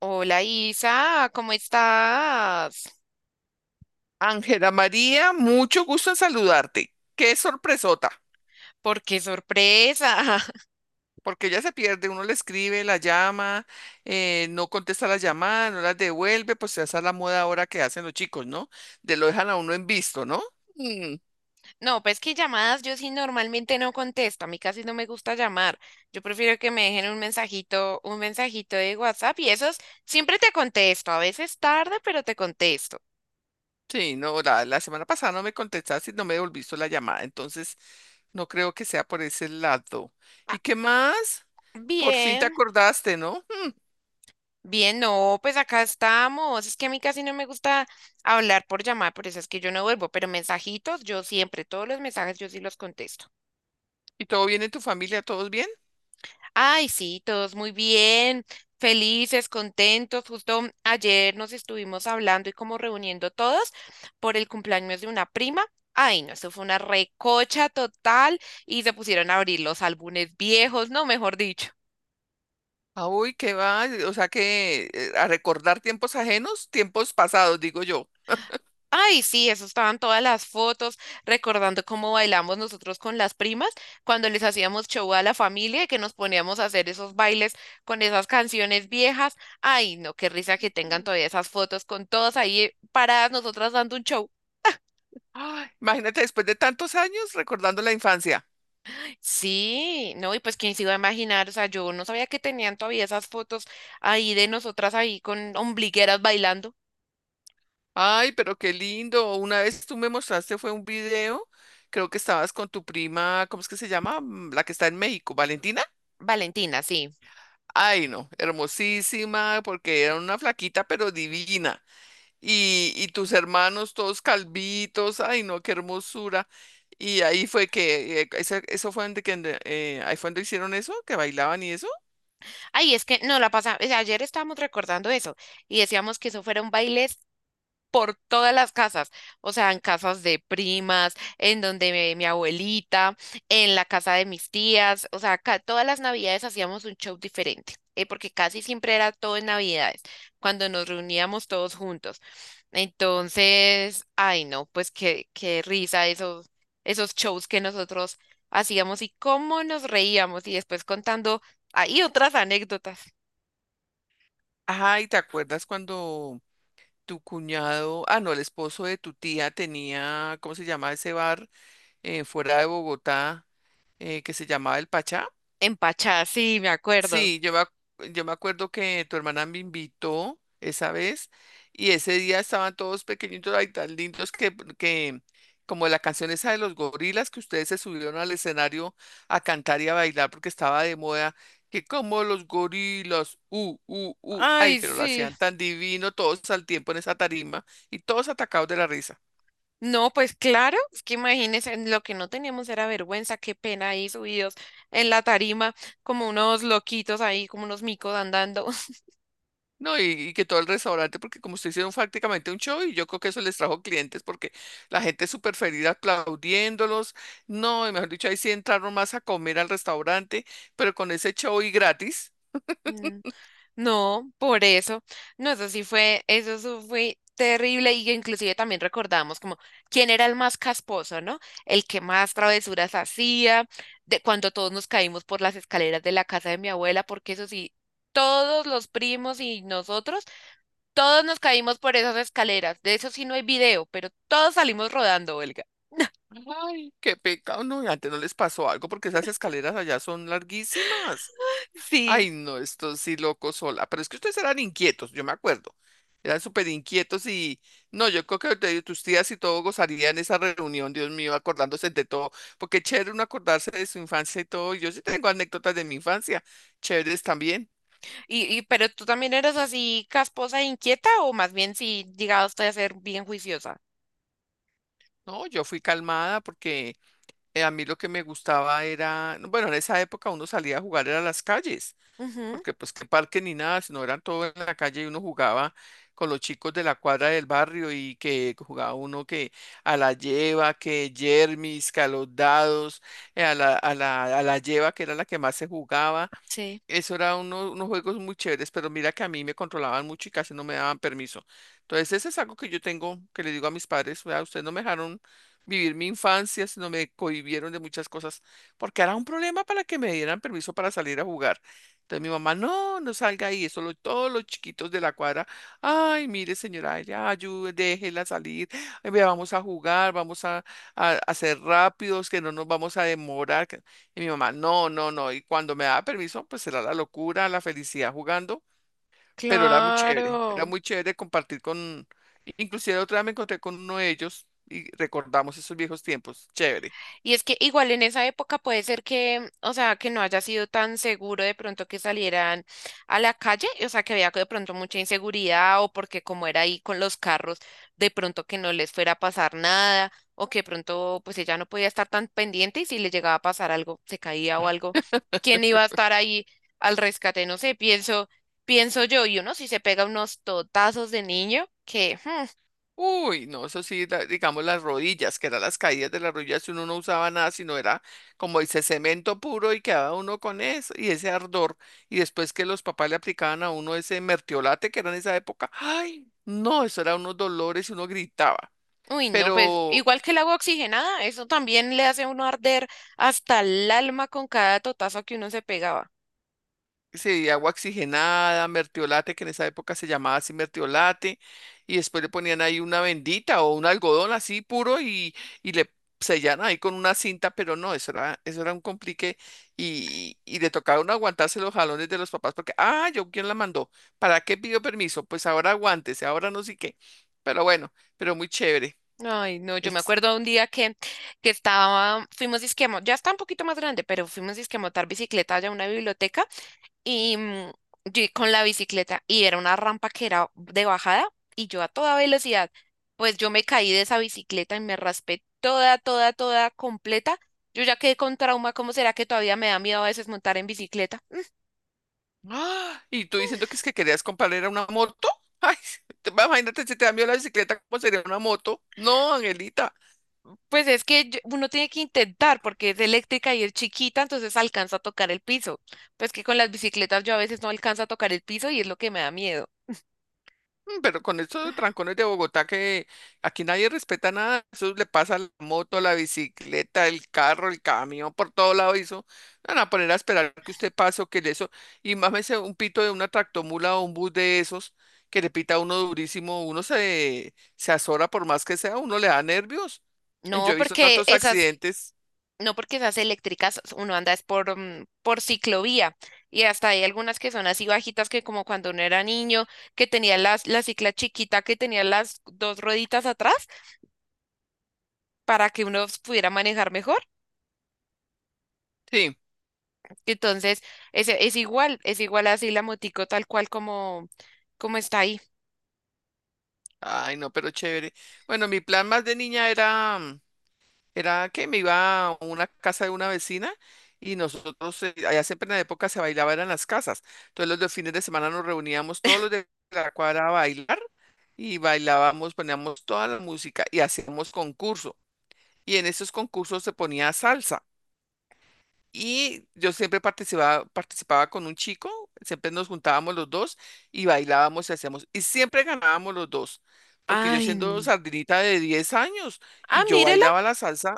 Hola Isa, ¿cómo estás? Ángela María, mucho gusto en saludarte. Qué sorpresota, ¿Por qué sorpresa? porque ella se pierde, uno le escribe, la llama, no contesta la llamada, no las devuelve, pues esa es la moda ahora que hacen los chicos, ¿no? De lo dejan a uno en visto, ¿no? Mm, No, pues que llamadas yo sí normalmente no contesto, a mí casi no me gusta llamar. Yo prefiero que me dejen un mensajito de WhatsApp y esos siempre te contesto, a veces tarde, pero te contesto. sí, no, la semana pasada no me contestaste y no me devolviste la llamada, entonces no creo que sea por ese lado. Ah, ¿Y qué más? Por fin te bien, acordaste, ¿no? Mm, bien, no, pues acá estamos. Es que a mí casi no me gusta hablar por llamar, por eso es que yo no vuelvo, pero mensajitos yo siempre, todos los mensajes yo sí los contesto. ¿y todo bien en tu familia? ¿Todos bien? Ay, sí, todos muy bien, felices, contentos. Justo ayer nos estuvimos hablando y como reuniendo todos por el cumpleaños de una prima. Ay, no, eso fue una recocha total y se pusieron a abrir los álbumes viejos, no, mejor dicho. Ah, uy, qué va, o sea que a recordar tiempos ajenos, tiempos pasados, digo yo. Ay, sí, eso estaban todas las fotos, recordando cómo bailamos nosotros con las primas, cuando les hacíamos show a la familia y que nos poníamos a hacer esos bailes con esas canciones viejas. Ay, no, qué risa que tengan todavía esas fotos con todas ahí paradas nosotras dando un show. Ay, imagínate después de tantos años recordando la infancia. Sí, no, y pues quién se iba a imaginar, o sea, yo no sabía que tenían todavía esas fotos ahí de nosotras ahí con ombligueras bailando. Ay, pero qué lindo. Una vez tú me mostraste fue un video, creo que estabas con tu prima, ¿cómo es que se llama? Mm, la que está en México, Valentina. Valentina, sí. Ay, no, hermosísima, porque era una flaquita pero divina. Y, y tus hermanos todos calvitos, ay no, qué hermosura. Y ahí fue que, eso fue donde, que, ahí fue donde hicieron eso, que bailaban y eso. Ay, es que no la pasa. O sea, ayer estábamos recordando eso y decíamos que eso fueron bailes por todas las casas, o sea, en casas de primas, en donde mi abuelita, en la casa de mis tías, o sea, ca- todas las navidades hacíamos un show diferente, porque casi siempre era todo en navidades, cuando nos reuníamos todos juntos. Entonces, ay no, pues qué, qué risa esos, esos shows que nosotros hacíamos y cómo nos reíamos y después contando ahí otras anécdotas. Ajá, ¿y te acuerdas cuando tu cuñado, ah no, el esposo de tu tía tenía, ¿cómo se llama ese bar fuera de Bogotá que se llamaba El Pachá? Empachadas, sí, me acuerdo. Sí, yo me acuerdo que tu hermana me invitó esa vez y ese día estaban todos pequeñitos ahí tan lindos que como la canción esa de los gorilas que ustedes se subieron al escenario a cantar y a bailar porque estaba de moda, que como los gorilas, ay, Ay, pero lo sí. hacían tan divino todos al tiempo en esa tarima y todos atacados de la risa. No, pues claro, es que imagínense, lo que no teníamos era vergüenza, qué pena ahí subidos en la tarima, como unos loquitos ahí, como unos micos andando. No, y que todo el restaurante, porque como usted hicieron prácticamente un show y yo creo que eso les trajo clientes porque la gente es súper feliz aplaudiéndolos. No, y mejor dicho, ahí sí entraron más a comer al restaurante, pero con ese show y gratis. Mm, No, por eso, no, eso sí fue terrible y inclusive también recordamos como quién era el más casposo, ¿no? El que más travesuras hacía, de cuando todos nos caímos por las escaleras de la casa de mi abuela, porque eso sí, todos los primos y nosotros todos nos caímos por esas escaleras. De eso sí no hay video, pero todos salimos rodando, Olga. Ay, qué pecado, no, y antes no les pasó algo porque esas escaleras allá son larguísimas. Sí. Ay, no, esto sí loco sola. Pero es que ustedes eran inquietos, yo me acuerdo. Eran súper inquietos y no, yo creo que tus tías y todo gozarían esa reunión, Dios mío, acordándose de todo. Porque chévere uno acordarse de su infancia y todo. Yo sí tengo anécdotas de mi infancia, chéveres también. Y pero tú también eres así casposa e inquieta, o más bien si llegaste a ser bien juiciosa. No, yo fui calmada porque a mí lo que me gustaba era, bueno, en esa época uno salía a jugar era a las calles. Ujú, Porque pues que parque ni nada, sino eran todo en la calle y uno jugaba con los chicos de la cuadra del barrio y que jugaba uno que a la lleva, que yermis, que a los dados, a la lleva que era la que más se jugaba. sí. Eso era unos juegos muy chéveres, pero mira que a mí me controlaban mucho y casi no me daban permiso. Entonces, ese es algo que yo tengo, que le digo a mis padres, vea, ustedes no me dejaron vivir mi infancia, sino me cohibieron de muchas cosas, porque era un problema para que me dieran permiso para salir a jugar. Entonces mi mamá, no, no salga ahí, todos los chiquitos de la cuadra, ay, mire señora, ya ayude, déjela salir, ay, vea, vamos a jugar, a ser rápidos, que no nos vamos a demorar. Y mi mamá, no, no, no. Y cuando me daba permiso, pues era la locura, la felicidad jugando, pero era Claro. muy chévere compartir con, inclusive otra vez me encontré con uno de ellos y recordamos esos viejos tiempos, chévere. Y es que igual en esa época puede ser que, o sea, que no haya sido tan seguro de pronto que salieran a la calle, o sea, que había de pronto mucha inseguridad o porque como era ahí con los carros, de pronto que no les fuera a pasar nada o que de pronto pues ella no podía estar tan pendiente y si le llegaba a pasar algo, se caía o algo, ¿quién iba a estar ahí al rescate? No sé, pienso, pienso yo, y uno si se pega unos totazos de niño, Uy, no, eso sí, digamos las rodillas, que eran las caídas de las rodillas, si uno no usaba nada, sino era como dice cemento puro y quedaba uno con eso y ese ardor. Y después que los papás le aplicaban a uno ese mertiolate que era en esa época, ay, no, eso era unos dolores y uno gritaba. uy, no, pues Pero igual que el agua oxigenada, eso también le hace a uno arder hasta el alma con cada totazo que uno se pegaba. sí, agua oxigenada, mertiolate, que en esa época se llamaba así mertiolate, y después le ponían ahí una vendita o un algodón así puro y le sellan ahí con una cinta, pero no, eso era un complique y le tocaron aguantarse los jalones de los papás porque, ah, yo quién la mandó, ¿para qué pidió permiso? Pues ahora aguántese, ahora no sé qué, pero bueno, pero muy chévere. Ay, no, yo me Es acuerdo un día que estaba, fuimos disque a mo- ya está un poquito más grande, pero fuimos disque a montar bicicleta allá a una biblioteca y yo con la bicicleta y era una rampa que era de bajada y yo a toda velocidad, pues yo me caí de esa bicicleta y me raspé toda, toda, toda completa. Yo ya quedé con trauma, ¿cómo será que todavía me da miedo a veces montar en bicicleta? ¡Ah! Y tú diciendo que es que querías comprar era una moto. Ay, imagínate si te cambió la bicicleta, ¿cómo sería una moto? No, Angelita. Pues es que yo- uno tiene que intentar porque es eléctrica y es chiquita, entonces alcanza a tocar el piso. Pues que con las bicicletas yo a veces no alcanza a tocar el piso y es lo que me da miedo. Mm, pero con estos trancones de Bogotá que aquí nadie respeta nada, eso le pasa a la moto, la bicicleta, el carro, el camión, por todo lado eso. Van a poner a esperar que usted pase o que le eso. Y mámese un pito de una tractomula o un bus de esos que le pita a uno durísimo, uno se azora por más que sea, uno le da nervios. Y yo No he visto porque tantos esas, accidentes. no porque esas eléctricas uno anda es por, por ciclovía y hasta hay algunas que son así bajitas que como cuando uno era niño, que tenía las, la cicla chiquita, que tenía las dos rueditas atrás para que uno pudiera manejar mejor. Sí. Entonces, es igual, es igual así la motico tal cual como, como está ahí. Ay, no, pero chévere. Bueno, mi plan más de niña era, mm, era que me iba a una casa de una vecina y nosotros, allá siempre en la época se bailaba eran las casas. Entonces los de fines de semana nos reuníamos todos los de la cuadra a bailar y bailábamos, poníamos toda la música y hacíamos concurso. Y en esos concursos se ponía salsa. Y yo siempre participaba, participaba con un chico, siempre nos juntábamos los dos y bailábamos y hacíamos, y siempre ganábamos los dos, porque yo Ay, siendo n- sardinita de 10 años ah, y yo mírela. bailaba la salsa,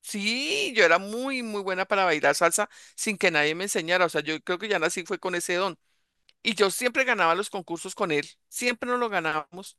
sí, yo era muy, muy buena para bailar salsa sin que nadie me enseñara, o sea, yo creo que ya nací fue con ese don. Y yo siempre ganaba los concursos con él, siempre nos lo ganábamos.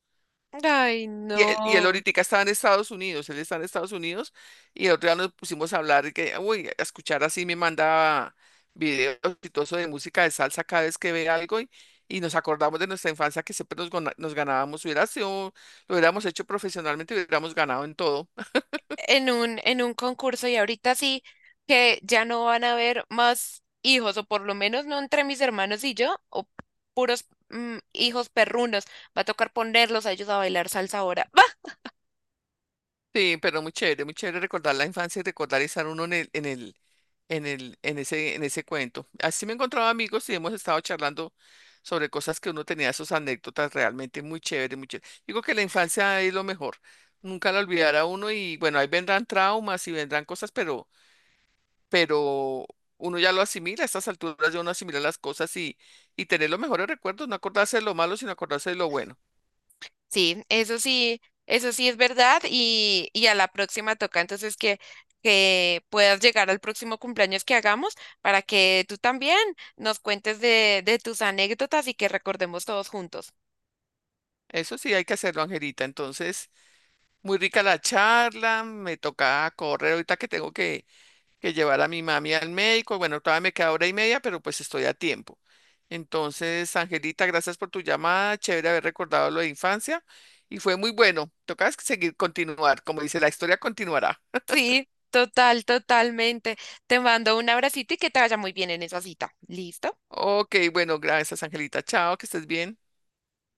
Ay, Y él no. ahorita estaba en Estados Unidos, él está en Estados Unidos y el otro día nos pusimos a hablar y que, uy, a escuchar así me manda videos y todo eso de música de salsa cada vez que ve algo y nos acordamos de nuestra infancia que siempre nos, nos ganábamos, hubiera sido, lo hubiéramos hecho profesionalmente, hubiéramos ganado en todo. En un concurso y ahorita sí que ya no van a haber más hijos, o por lo menos no entre mis hermanos y yo, o puros hijos perrunos. Va a tocar ponerlos a ellos a bailar salsa ahora. Va. Sí, pero muy chévere recordar la infancia y recordar estar uno en ese cuento. Así me he encontrado amigos y hemos estado charlando sobre cosas que uno tenía, sus anécdotas realmente muy chévere, muy chévere. Digo que la infancia es lo mejor, nunca la olvidará uno y bueno, ahí vendrán traumas y vendrán cosas, pero uno ya lo asimila, a estas alturas ya uno asimila las cosas y tener los mejores recuerdos, no acordarse de lo malo, sino acordarse de lo bueno. Sí, eso sí, eso sí es verdad y a la próxima toca. Entonces que puedas llegar al próximo cumpleaños que hagamos para que tú también nos cuentes de tus anécdotas y que recordemos todos juntos. Eso sí hay que hacerlo, Angelita. Entonces, muy rica la charla, me toca correr ahorita que tengo que llevar a mi mami al médico. Bueno, todavía me queda hora y media, pero pues estoy a tiempo. Entonces, Angelita, gracias por tu llamada. Chévere haber recordado lo de infancia. Y fue muy bueno. Tocas seguir continuar. Como dice, la historia continuará. Sí, total, totalmente. Te mando un abracito y que te vaya muy bien en esa cita. ¿Listo? Ok, bueno, gracias, Angelita. Chao, que estés bien.